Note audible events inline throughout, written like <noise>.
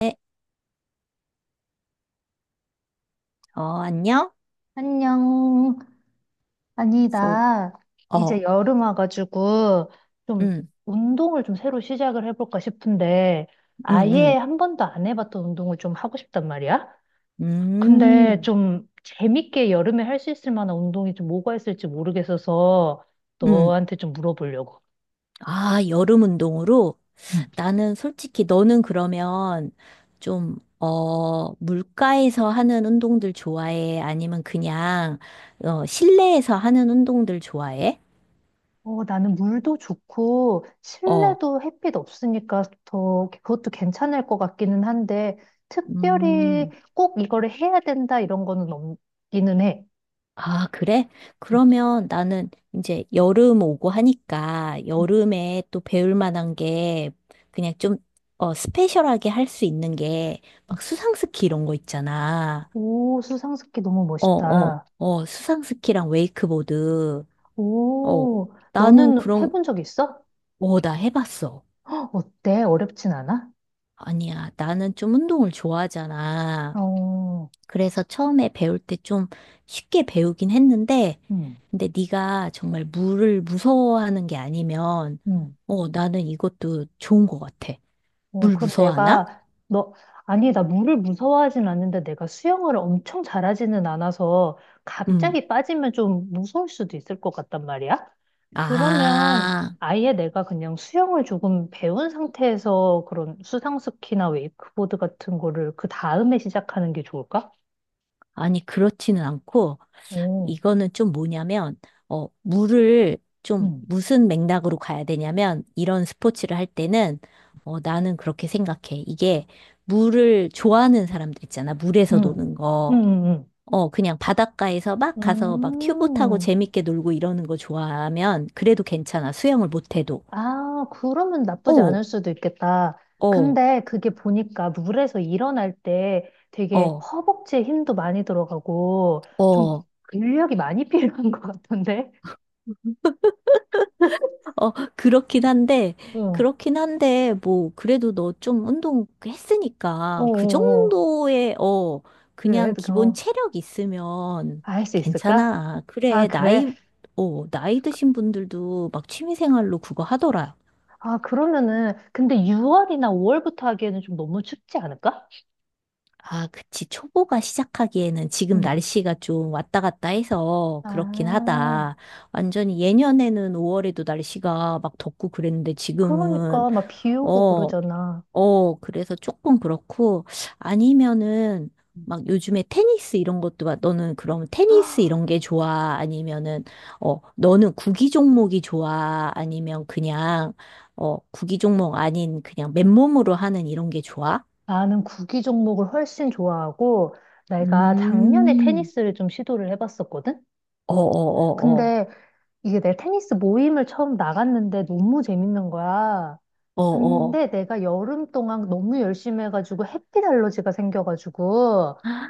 네, 안녕? 안녕. 아니, 그래서, 나 이제 어, 여름 와가지고 좀 음. 운동을 좀 새로 시작을 해볼까 싶은데 음. 아예 음. 한 번도 안 해봤던 운동을 좀 하고 싶단 말이야. 근데 음. 좀 재밌게 여름에 할 수 있을 만한 운동이 좀 뭐가 있을지 모르겠어서 음. 너한테 좀 물어보려고. 아, 여름 운동으로? 나는 솔직히 너는 그러면 좀, 물가에서 하는 운동들 좋아해? 아니면 그냥, 실내에서 하는 운동들 좋아해? 어, 나는 물도 좋고 어, 실내도 햇빛 없으니까 더 그것도 괜찮을 것 같기는 한데 특별히 음. 꼭 이거를 해야 된다 이런 거는 없기는 해. 아, 그래? 음. 그러면 나는 이제 여름 오고 하니까 음, 여름에 또 배울 만한 게 그냥 좀 스페셜하게 할 수 있는 게 음. 막 수상스키 이런 거 있잖아. 오, 수상스키 너무 멋있다. 수상스키랑 웨이크보드. 어, 오, 나는 너는 그런, 해본 적 있어? 나 해봤어. 어때? 어렵진 않아? 아니야, 나는 좀 운동을 좋아하잖아. 어, 그래서 처음에 배울 때 좀 쉽게 배우긴 했는데 음, 근데 네가 정말 물을 무서워하는 게 아니면, 음. 나는 이것도 좋은 것 같아. 어, 물 그럼 무서워하나? 내가, 너, 아니, 나 물을 무서워하진 않는데 내가 수영을 엄청 잘하지는 않아서 음. 갑자기 빠지면 좀 무서울 수도 있을 것 같단 말이야? 그러면 아, 아예 내가 그냥 수영을 조금 배운 상태에서 그런 수상스키나 웨이크보드 같은 거를 그 다음에 시작하는 게 좋을까? 아니, 그렇지는 않고, 오, 이거는 좀 뭐냐면, 물을 좀 응, 무슨 맥락으로 가야 되냐면, 이런 스포츠를 할 때는, 나는 그렇게 생각해. 이게 물을 좋아하는 사람들 있잖아. 물에서 응, 노는 응, 거. 응, 그냥 바닷가에서 막 가서 막 튜브 타고 응. 재밌게 놀고 이러는 거 좋아하면 그래도 괜찮아. 수영을 못해도. 아, 그러면 나쁘지 어, 않을 수도 있겠다. 어, 근데 그게 보니까 물에서 일어날 때 되게 어, 허벅지에 힘도 많이 들어가고 좀 어, 근력이 많이 <laughs> 필요한 것 같던데? 어, 그렇긴 한데, 어, 어, 그렇긴 한데, 뭐, 그래도 너 좀 운동 어, 했으니까 그 어. 정도의, 그래, 그냥 기본 그거 체력 있으면 할 수 있을까? 괜찮아. 아, 그래, 그래. 나이 드신 분들도 막 취미생활로 그거 하더라. 아, 그러면은 근데 6월이나 5월부터 하기에는 좀 너무 춥지 않을까? 아, 그치. 초보가 시작하기에는 지금 음. 날씨가 좀 왔다 갔다 해서 그렇긴 아, 하다. 완전히 예년에는 5월에도 날씨가 막 덥고 그랬는데 지금은, 그러니까 막 비 오고 어, 그러잖아. 어, 그래서 조금 그렇고, 아니면은, 막 요즘에 테니스 이런 것도, 막 너는 그럼 테니스 이런 게 좋아? 아니면은, 너는 구기 종목이 좋아? 아니면 그냥, 구기 종목 아닌 그냥 맨몸으로 하는 이런 게 좋아? 나는 구기 종목을 훨씬 좋아하고, 내가 작년에 음. 테니스를 좀 시도를 해봤었거든? 어어어어, 근데 이게 내 테니스 모임을 처음 나갔는데 너무 재밌는 거야. 어어. 근데 내가 여름 동안 너무 열심히 해가지고 햇빛 알러지가 생겨가지고, 아,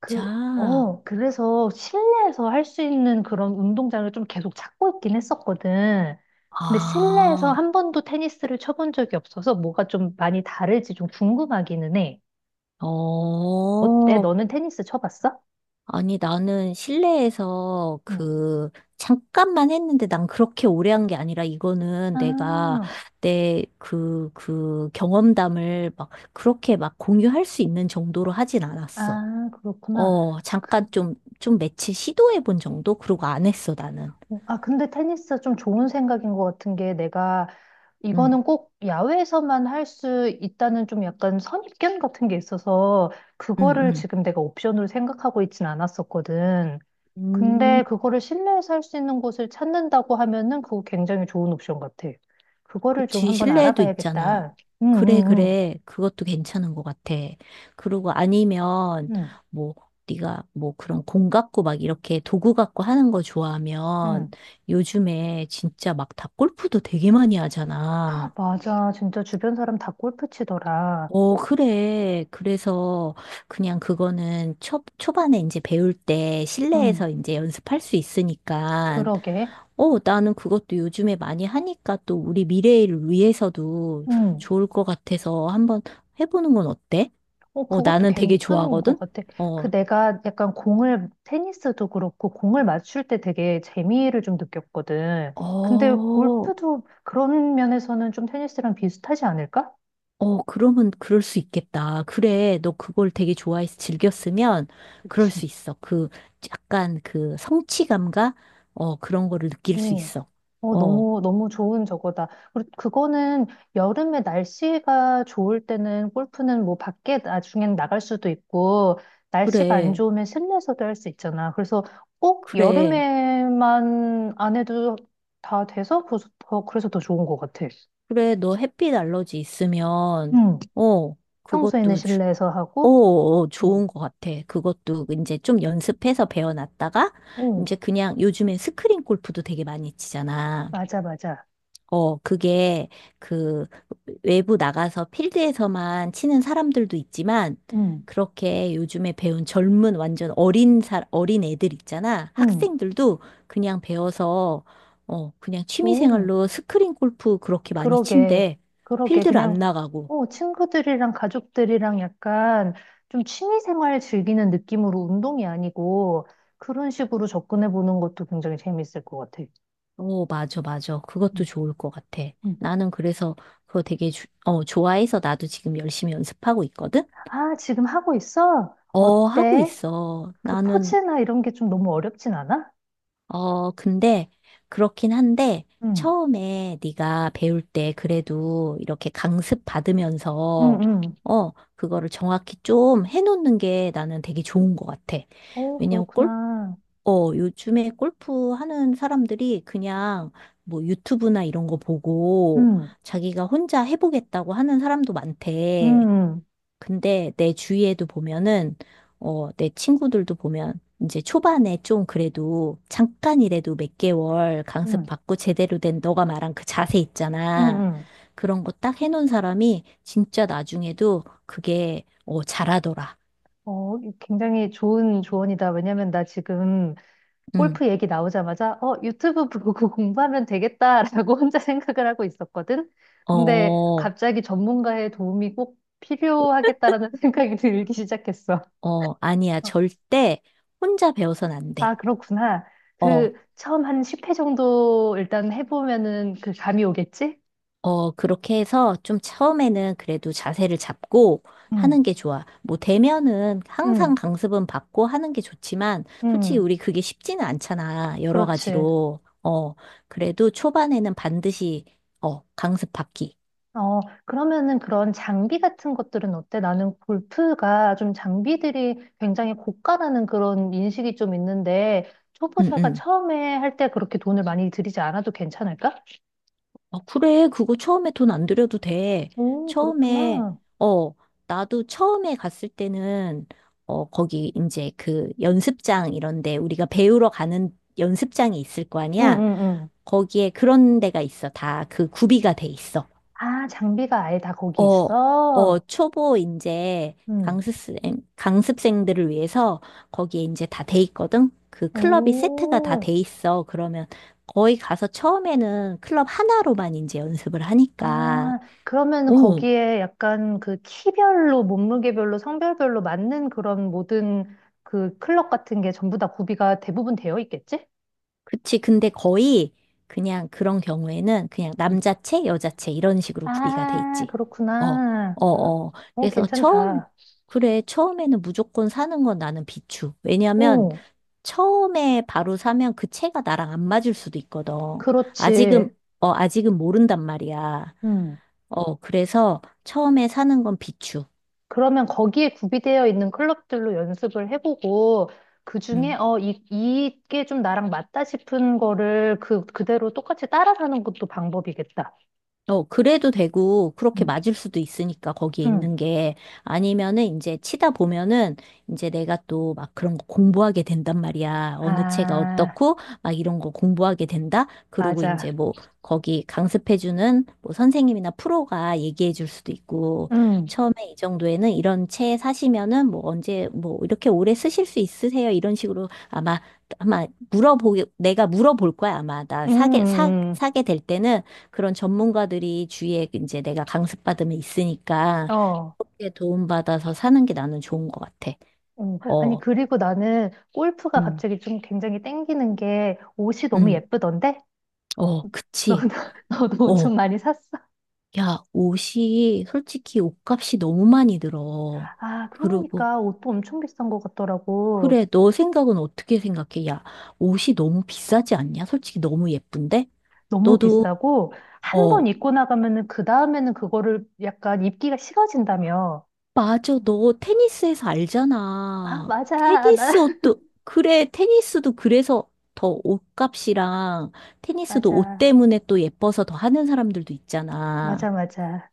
그, 그래서 실내에서 할 수 있는 그런 운동장을 좀 계속 찾고 있긴 했었거든. 근데 실내에서 아, 한 번도 테니스를 쳐본 적이 없어서 뭐가 좀 많이 다를지 좀 궁금하기는 해. 어때? 어. 너는 테니스 쳐봤어? 아니, 나는 실내에서 응. 그, 잠깐만 했는데 난 그렇게 오래 한 게 아니라 이거는 내가 아, 내 그 경험담을 막 그렇게 막 공유할 수 있는 정도로 하진 않았어. 아, 그렇구나. 그, 잠깐 좀 며칠 시도해 본 정도? 그러고 안 했어, 나는. 아, 근데 테니스 좀 좋은 생각인 것 같은 게 내가 응, 이거는 꼭 야외에서만 할 수 있다는 좀 약간 선입견 같은 게 있어서 그거를 응, 지금 내가 옵션으로 생각하고 있진 않았었거든. 응. 근데 그거를 실내에서 할 수 있는 곳을 찾는다고 하면은 그거 굉장히 좋은 옵션 같아. 그거를 좀 그치, 한번 실내에도 있잖아. 알아봐야겠다. 응, 그래, 응, 응, 그래. 그것도 괜찮은 것 같아. 그리고 아니면, 응, 뭐, 네가 뭐 그런 공 갖고 막 이렇게 도구 갖고 하는 거 좋아하면 응. 요즘에 진짜 막 다 골프도 되게 많이 하잖아. 맞아. 진짜 주변 사람 다 골프 치더라. 그래. 그래서 그냥 그거는 초반에 이제 배울 때 응, 실내에서 이제 연습할 수 있으니까 그러게. 나는 그것도 요즘에 많이 하니까 또 우리 미래를 위해서도 응. 좋을 것 같아서 한번 해보는 건 어때? 어, 그것도 나는 되게 괜찮은 것 좋아하거든? 같아. 어, 그 내가 약간 공을, 테니스도 그렇고, 공을 맞출 때 되게 재미를 좀 느꼈거든. 근데 어, 골프도 그런 면에서는 좀 테니스랑 비슷하지 않을까? 어, 그러면 그럴 수 있겠다. 그래, 너 그걸 되게 좋아해서 즐겼으면 그럴 그치. 수 있어. 그 약간 그 성취감과 그런 거를 느낄 수 있어. 어, 어, 너무, 너무 좋은 저거다. 그리고 그거는 여름에 날씨가 좋을 때는 골프는 뭐 밖에 나중엔 나갈 수도 있고, 날씨가 안 그래, 좋으면 실내에서도 할 수 있잖아. 그래서 꼭 그래, 여름에만 안 해도 다 돼서, 그래서 더, 그래서 더 좋은 것 같아. 그래, 너 햇빛 알러지 있으면 응. 어, 평소에는 그것도 실내에서 하고, 오, 어, 좋은 것 같아. 그것도 이제 좀 연습해서 배워놨다가, 응, 이제 그냥 요즘엔 스크린 골프도 되게 많이 치잖아. 맞아, 맞아. 그게 그 외부 나가서 필드에서만 치는 사람들도 있지만, 응, 그렇게 요즘에 배운 젊은 완전 어린 어린 애들 있잖아. 응. 학생들도 그냥 배워서, 그냥 오. 취미생활로 스크린 골프 그렇게 많이 그러게, 친대. 그러게. 필드를 그냥, 안 나가고. 어, 친구들이랑 가족들이랑 약간 좀 취미생활 즐기는 느낌으로 운동이 아니고 그런 식으로 접근해 보는 것도 굉장히 재밌을 것 같아. 오, 맞아, 맞아. 음, 그것도 좋을 것 같아. 음. 나는 그래서 그거 되게 좋아해서 나도 지금 열심히 연습하고 있거든? 아, 지금 하고 있어? 어, 하고 어때? 있어. 그 나는, 포즈나 이런 게 좀 너무 어렵진 않아? 근데 그렇긴 한데 응, 처음에 네가 배울 때 그래도 이렇게 강습 응, 받으면서 응. 그거를 정확히 좀 해놓는 게 나는 되게 좋은 것 같아. 오, 왜냐면 그렇구나. 요즘에 골프 하는 사람들이 그냥 뭐 유튜브나 이런 거 보고 응, 자기가 혼자 해보겠다고 하는 사람도 많대. 응, 근데 내 주위에도 보면은, 내 친구들도 보면 이제 초반에 좀 그래도 잠깐이라도 몇 개월 강습 응, 받고 제대로 된 너가 말한 그 자세 응, 있잖아. 응. 그런 거 딱 해놓은 사람이 진짜 나중에도 그게, 잘하더라. 어, 굉장히 좋은 조언이다. 왜냐면 나 지금 응. 골프 얘기 나오자마자 어, 유튜브 보고 <laughs> 공부하면 되겠다라고 혼자 생각을 하고 있었거든. 근데 어, 갑자기 전문가의 도움이 꼭 필요하겠다라는 <laughs> 생각이 들기 시작했어. 어, 아니야. 어, 절대 혼자 배워선 안 아, 돼. 그렇구나. 어, 그 처음 한 10회 정도 일단 해보면은 그 감이 오겠지? 어, 그렇게 해서 좀 처음에는 그래도 자세를 잡고 응, 하는 게 좋아. 뭐 대면은 항상 응, 강습은 받고 하는 게 좋지만 솔직히 응. 우리 그게 쉽지는 않잖아. 여러 그렇지. 가지로. 그래도 초반에는 반드시 강습 받기. 어, 그러면은 그런 장비 같은 것들은 어때? 나는 골프가 좀 장비들이 굉장히 고가라는 그런 인식이 좀 있는데, 응, 초보자가 응. 처음에 할 때 그렇게 돈을 많이 들이지 않아도 괜찮을까? 아, 그래. 그거 처음에 돈 안 들여도 돼. 오, 처음에, 그렇구나. 어, 나도 처음에 갔을 때는, 거기 이제 그 연습장 이런데 우리가 배우러 가는 연습장이 있을 거 응, 아니야? 응, 응. 거기에 그런 데가 있어. 다 그 구비가 돼 있어. 아, 장비가 아예 다 거기 어, 어, 있어? 초보 이제 응. 강습생, 강습생들을 위해서 거기에 이제 다 돼 있거든? 그 클럽이 세트가 다 오. 돼 있어. 그러면 거기 가서 처음에는 클럽 하나로만 이제 연습을 하니까. 아, 그러면 오, 거기에 약간 그 키별로, 몸무게별로, 성별별로 맞는 그런 모든 그 클럽 같은 게 전부 다 구비가 대부분 되어 있겠지? 그치. 근데 거의 그냥 그런 경우에는 그냥 남자체, 여자체 이런 식으로 구비가 돼 아, 있지. 어, 그렇구나. 어, 어. 어, 그래서 괜찮다. 그래. 처음에는 무조건 사는 건 나는 비추. 왜냐면 오, 처음에 바로 사면 그 채가 나랑 안 맞을 수도 있거든. 그렇지. 아직은, 아직은 모른단 말이야. 음. 그래서 처음에 사는 건 비추. 그러면 거기에 구비되어 있는 클럽들로 연습을 해보고, 그 중에, 음. 어, 이, 이게 좀 나랑 맞다 싶은 거를 그, 그대로 똑같이 따라가는 것도 방법이겠다. 그래도 되고, 그렇게 음. 맞을 수도 있으니까, 거기에 있는 음. 게. 아니면은, 이제 치다 보면은, 이제 내가 또 막 그런 거 공부하게 된단 말이야. 어느 채가 아, 어떻고, 막 이런 거 공부하게 된다? 그러고 맞아. 이제 뭐, 거기 강습해주는 뭐 선생님이나 프로가 얘기해 줄 수도 있고, 음. 처음에 이 정도에는 이런 채 사시면은 뭐 언제, 뭐 이렇게 오래 쓰실 수 있으세요? 이런 식으로 내가 물어볼 거야. 아마 음, 음, 사게 될 때는. 그런 전문가들이 주위에 이제 내가 강습받으면 있으니까 어. 그렇게 도움받아서 사는 게 나는 좋은 것 같아. 어. 아니, 어, 그리고 나는 골프가 음, 갑자기 좀 굉장히 땡기는 게 옷이 너무 음, 예쁘던데? 어, 그치. 너도, <laughs> 너도 옷 좀 어, 많이 샀어? 야, 옷이 솔직히 옷값이 너무 많이 들어. 아, 그리고 그러니까 옷도 엄청 비싼 것 같더라고. 그래, 너 생각은 어떻게 생각해? 야, 옷이 너무 비싸지 않냐? 솔직히 너무 예쁜데? 너무 너도 비싸고, 한 어, 번 입고 나가면은 그 다음에는 그거를 약간 입기가 식어진다며. 맞아, 너 테니스에서 아, 알잖아. 맞아. 나, 테니스 <laughs> 옷도, 그래, 테니스도 그래서 더 옷값이랑 테니스도 옷 맞아. 때문에 또 예뻐서 더 하는 사람들도 있잖아. 맞아, 맞아.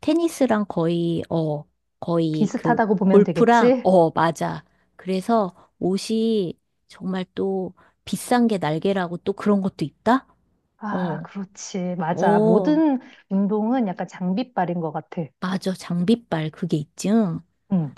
테니스랑 거의 그 비슷하다고 보면 골프랑, 되겠지? 어, 맞아. 그래서 옷이 정말 또 비싼 게 날개라고 또 그런 것도 있다? 아, 어, 그렇지. 맞아. 어, 모든 운동은 약간 장비빨인 것 같아. 맞아. 장비빨 그게 있지. 응? 응.